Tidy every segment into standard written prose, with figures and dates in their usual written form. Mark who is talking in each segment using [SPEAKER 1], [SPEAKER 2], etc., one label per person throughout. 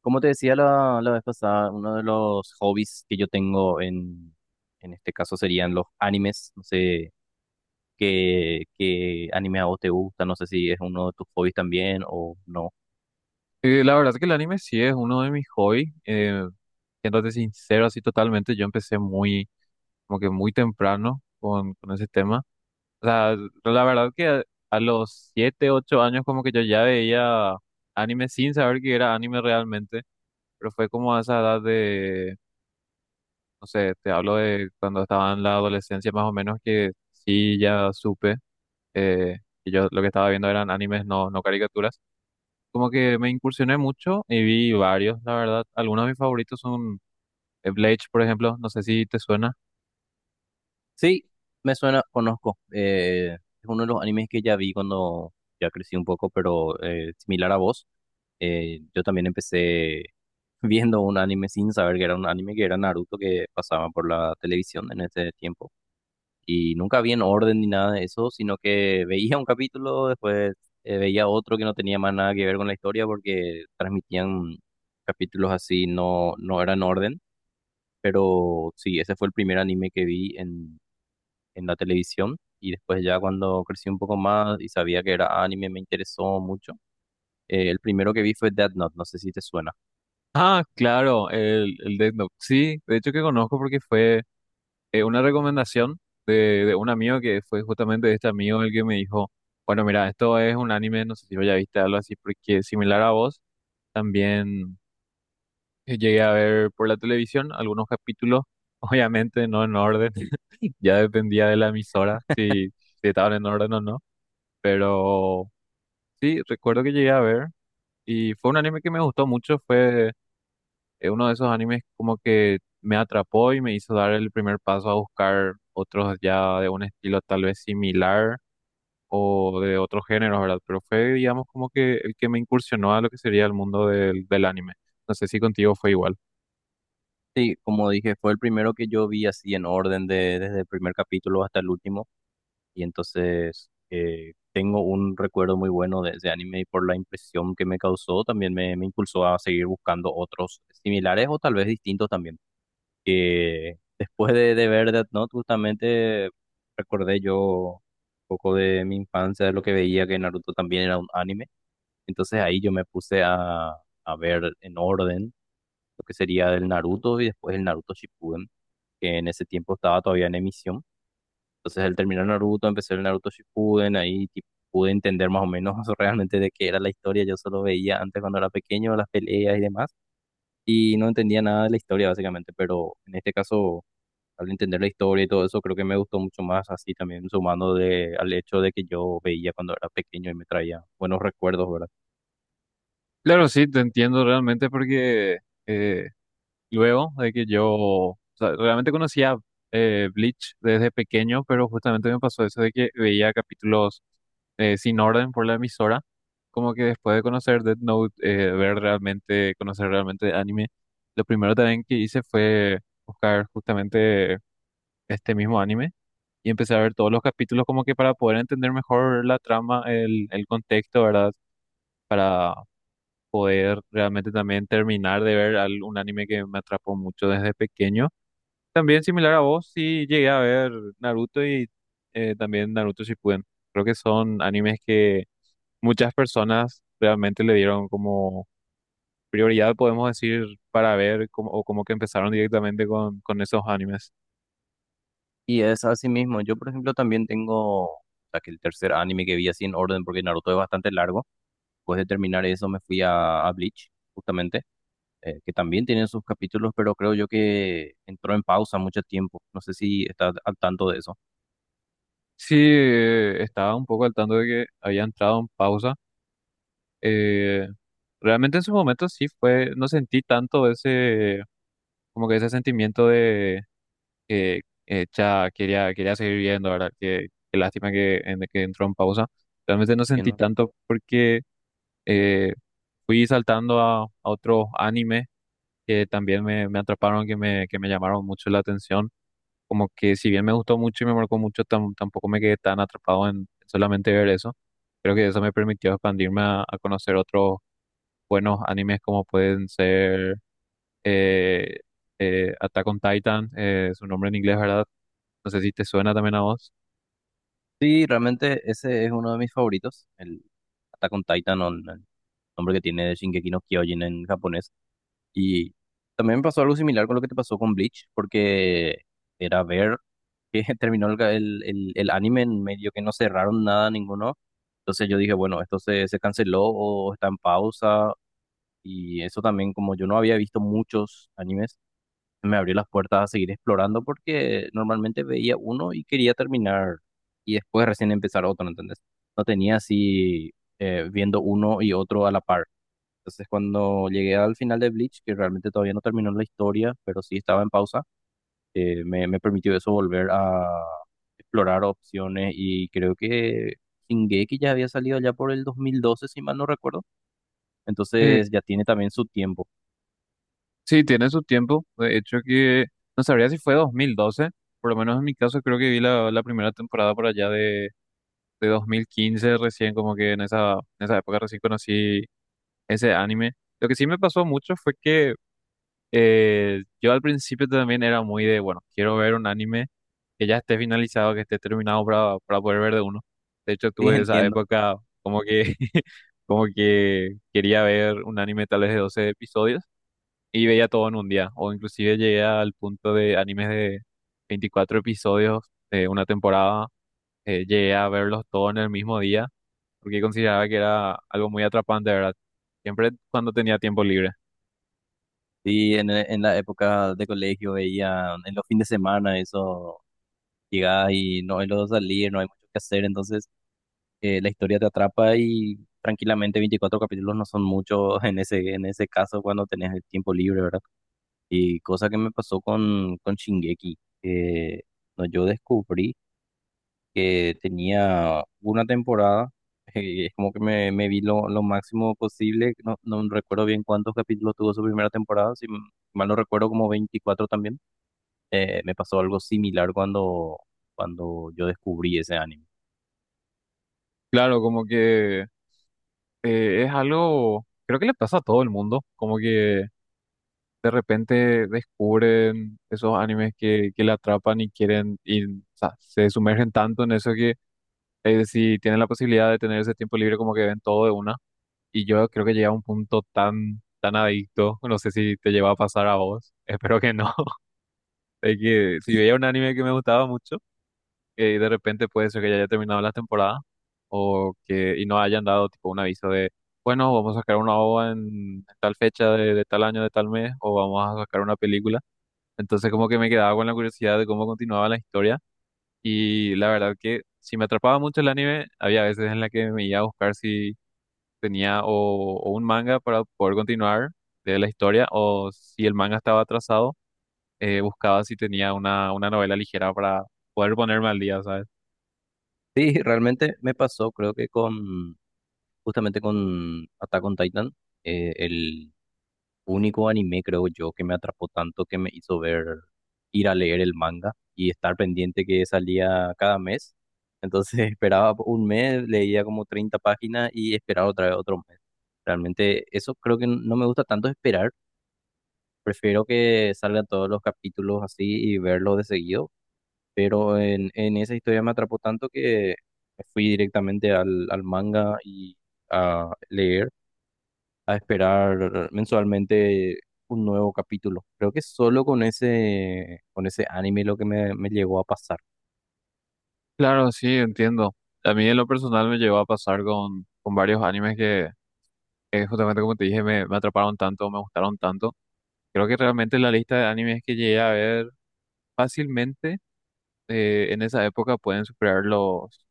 [SPEAKER 1] Como te decía la vez pasada, uno de los hobbies que yo tengo en este caso serían los animes. No sé qué anime a vos te gusta, no sé si es uno de tus hobbies también o no.
[SPEAKER 2] La verdad que el anime sí es uno de mis hobbies. Siéndote sincero, así totalmente, yo empecé muy, como que muy temprano con ese tema. O sea, la verdad que a los 7 u 8 años como que yo ya veía anime sin saber que era anime realmente, pero fue como a esa edad de, no sé, te hablo de cuando estaba en la adolescencia más o menos que sí ya supe eh, que yo lo que estaba viendo eran animes, no caricaturas, como que me incursioné mucho y vi varios, la verdad. Algunos de mis favoritos son Bleach, por ejemplo, no sé si te suena.
[SPEAKER 1] Sí, me suena, conozco. Es uno de los animes que ya vi cuando ya crecí un poco, pero similar a vos. Yo también empecé viendo un anime sin saber que era un anime, que era Naruto, que pasaba por la televisión en ese tiempo. Y nunca vi en orden ni nada de eso, sino que veía un capítulo, después veía otro que no tenía más nada que ver con la historia porque transmitían capítulos así, no eran orden. Pero sí, ese fue el primer anime que vi en la televisión. Y después ya cuando crecí un poco más y sabía que era anime, me interesó mucho. El primero que vi fue Death Note, no sé si te suena.
[SPEAKER 2] Ah, claro, el Death Note. Sí, de hecho que conozco porque fue una recomendación de un amigo, que fue justamente este amigo el que me dijo, bueno, mira, esto es un anime, no sé si lo ya viste, algo así, porque similar a vos, también llegué a ver por la televisión algunos capítulos, obviamente no en orden, ya dependía de la emisora, si estaban en orden o no, pero sí, recuerdo que llegué a ver y fue un anime que me gustó mucho, fue uno de esos animes como que me atrapó y me hizo dar el primer paso a buscar otros ya de un estilo tal vez similar o de otro género, ¿verdad? Pero fue, digamos, como que el que me incursionó a lo que sería el mundo del anime. No sé si contigo fue igual.
[SPEAKER 1] Sí, como dije, fue el primero que yo vi así en orden de, desde el primer capítulo hasta el último. Y entonces tengo un recuerdo muy bueno de ese anime y por la impresión que me causó también me impulsó a seguir buscando otros similares o tal vez distintos también. Que después de ver Death Note justamente recordé yo un poco de mi infancia, de lo que veía que Naruto también era un anime. Entonces ahí yo me puse a ver en orden lo que sería el Naruto y después el Naruto Shippuden, que en ese tiempo estaba todavía en emisión. Entonces al terminar Naruto, empecé el Naruto Shippuden, ahí tipo, pude entender más o menos realmente de qué era la historia. Yo solo veía antes cuando era pequeño las peleas y demás, y no entendía nada de la historia básicamente, pero en este caso, al entender la historia y todo eso, creo que me gustó mucho más así también, sumando de, al hecho de que yo veía cuando era pequeño y me traía buenos recuerdos, ¿verdad?
[SPEAKER 2] Claro, sí, te entiendo realmente porque eh, luego de que yo, o sea, realmente conocía Bleach desde pequeño, pero justamente me pasó eso de que veía capítulos sin orden por la emisora, como que después de conocer Death Note, ver realmente, conocer realmente anime, lo primero también que hice fue buscar justamente este mismo anime y empecé a ver todos los capítulos como que para poder entender mejor la trama, el contexto, ¿verdad? Para poder realmente también terminar de ver un anime que me atrapó mucho desde pequeño. También similar a vos, sí llegué a ver Naruto y también Naruto Shippuden. Creo que son animes que muchas personas realmente le dieron como prioridad, podemos decir, para ver como, o como que empezaron directamente con esos animes.
[SPEAKER 1] Y es así mismo. Yo, por ejemplo, también tengo... O sea, que el tercer anime que vi así en orden, porque Naruto es bastante largo. Después de terminar eso, me fui a Bleach, justamente que también tiene sus capítulos, pero creo yo que entró en pausa mucho tiempo. No sé si estás al tanto de eso.
[SPEAKER 2] Sí, estaba un poco al tanto de que había entrado en pausa. Eh, Realmente en su momento sí fue, no sentí tanto ese, como que ese sentimiento, eh, ya quería seguir viendo, ¿verdad? Qué, qué lástima que, que entró en pausa. Realmente no sentí
[SPEAKER 1] ¿Entiendes?
[SPEAKER 2] tanto porque eh, fui saltando a otros animes que también me atraparon, que que me llamaron mucho la atención. Como que si bien me gustó mucho y me marcó mucho, tampoco me quedé tan atrapado en solamente ver eso. Creo que eso me permitió expandirme a conocer otros buenos animes como pueden ser eh, Attack on Titan, su nombre en inglés, ¿verdad? No sé si te suena también a vos.
[SPEAKER 1] Sí, realmente ese es uno de mis favoritos, el Attack on Titan, o el nombre que tiene de Shingeki no Kyojin en japonés. Y también me pasó algo similar con lo que te pasó con Bleach, porque era ver que terminó el anime en medio que no cerraron nada ninguno. Entonces yo dije, bueno, esto se canceló o está en pausa. Y eso también, como yo no había visto muchos animes, me abrió las puertas a seguir explorando porque normalmente veía uno y quería terminar y después recién empezar otro, ¿entendés? No tenía así viendo uno y otro a la par. Entonces cuando llegué al final de Bleach, que realmente todavía no terminó la historia, pero sí estaba en pausa, me permitió eso volver a explorar opciones y creo que Shingeki ya había salido ya por el 2012, si mal no recuerdo,
[SPEAKER 2] Eh,
[SPEAKER 1] entonces ya tiene también su tiempo.
[SPEAKER 2] sí, tiene su tiempo. De hecho, que no sabría si fue 2012. Por lo menos en mi caso, creo que vi la primera temporada por allá de 2015, recién, como que en en esa época recién conocí ese anime. Lo que sí me pasó mucho fue que yo al principio también era muy de, bueno, quiero ver un anime que ya esté finalizado, que esté terminado para poder ver de uno. De hecho,
[SPEAKER 1] Sí,
[SPEAKER 2] tuve esa
[SPEAKER 1] entiendo.
[SPEAKER 2] época como que, como que quería ver un anime tal vez de 12 episodios y veía todo en un día. O inclusive llegué al punto de animes de 24 episodios de una temporada. Llegué a verlos todos en el mismo día porque consideraba que era algo muy atrapante, ¿verdad? Siempre cuando tenía tiempo libre.
[SPEAKER 1] Sí, en la época de colegio veía en los fines de semana eso, llegás y no hay lo de salir, no hay mucho que hacer, entonces la historia te atrapa y tranquilamente 24 capítulos no son muchos en ese caso cuando tenés el tiempo libre, ¿verdad? Y cosa que me pasó con Shingeki, que no, yo descubrí que tenía una temporada, es como que me vi lo máximo posible, no recuerdo bien cuántos capítulos tuvo su primera temporada, mal no recuerdo como 24 también. Me pasó algo similar cuando, cuando yo descubrí ese anime.
[SPEAKER 2] Claro, como que es algo, creo que le pasa a todo el mundo, como que de repente descubren esos animes que le atrapan y quieren, y, o sea, se sumergen tanto en eso que, si tienen la posibilidad de tener ese tiempo libre, como que ven todo de una. Y yo creo que llega a un punto tan, tan adicto, no sé si te lleva a pasar a vos, espero que no, de que si veía un anime que me gustaba mucho, que de repente puede ser que ya haya terminado la temporada o que y no hayan dado tipo un aviso de bueno, vamos a sacar una OVA en tal fecha de tal año, de tal mes, o vamos a sacar una película, entonces como que me quedaba con la curiosidad de cómo continuaba la historia. Y la verdad que si me atrapaba mucho el anime, había veces en la que me iba a buscar si tenía o un manga para poder continuar de la historia, o si el manga estaba atrasado, buscaba si tenía una novela ligera para poder ponerme al día, ¿sabes?
[SPEAKER 1] Sí, realmente me pasó, creo que justamente con Attack on Titan, el único anime, creo yo, que me atrapó tanto que me hizo ver, ir a leer el manga y estar pendiente que salía cada mes. Entonces esperaba un mes, leía como 30 páginas y esperaba otra vez otro mes. Realmente eso creo que no me gusta tanto esperar. Prefiero que salgan todos los capítulos así y verlos de seguido. Pero en esa historia me atrapó tanto que me fui directamente al manga y a leer a esperar mensualmente un nuevo capítulo. Creo que solo con con ese anime lo que me llegó a pasar.
[SPEAKER 2] Claro, sí, entiendo. A mí en lo personal me llegó a pasar con varios animes que justamente como te dije me atraparon tanto, me gustaron tanto. Creo que realmente la lista de animes que llegué a ver fácilmente, en esa época pueden superar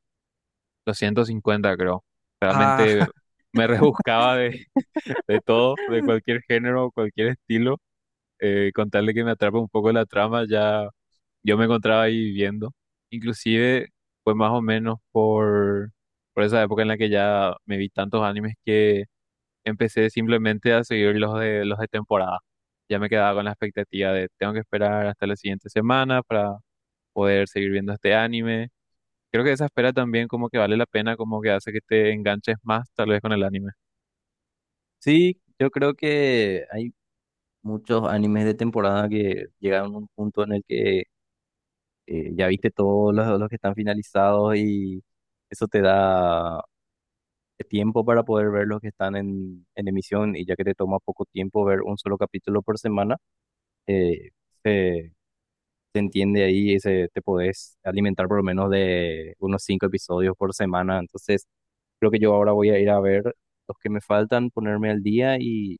[SPEAKER 2] los 150, creo. Realmente
[SPEAKER 1] Ah,
[SPEAKER 2] me rebuscaba de, de todo, de cualquier género, cualquier estilo. Con tal de que me atrape un poco la trama, ya yo me encontraba ahí viviendo. Inclusive fue más o menos por esa época en la que ya me vi tantos animes que empecé simplemente a seguir los de temporada. Ya me quedaba con la expectativa de tengo que esperar hasta la siguiente semana para poder seguir viendo este anime. Creo que esa espera también, como que vale la pena, como que hace que te enganches más tal vez con el anime.
[SPEAKER 1] sí, yo creo que hay muchos animes de temporada que llegaron a un punto en el que ya viste todos los que están finalizados y eso te da tiempo para poder ver los que están en emisión y ya que te toma poco tiempo ver un solo capítulo por semana, eh, se se entiende ahí, te podés alimentar por lo menos de unos 5 episodios por semana. Entonces, creo que yo ahora voy a ir a ver los que me faltan, ponerme al día y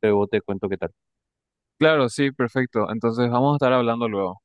[SPEAKER 1] luego te cuento qué tal.
[SPEAKER 2] Claro, sí, perfecto. Entonces vamos a estar hablando luego.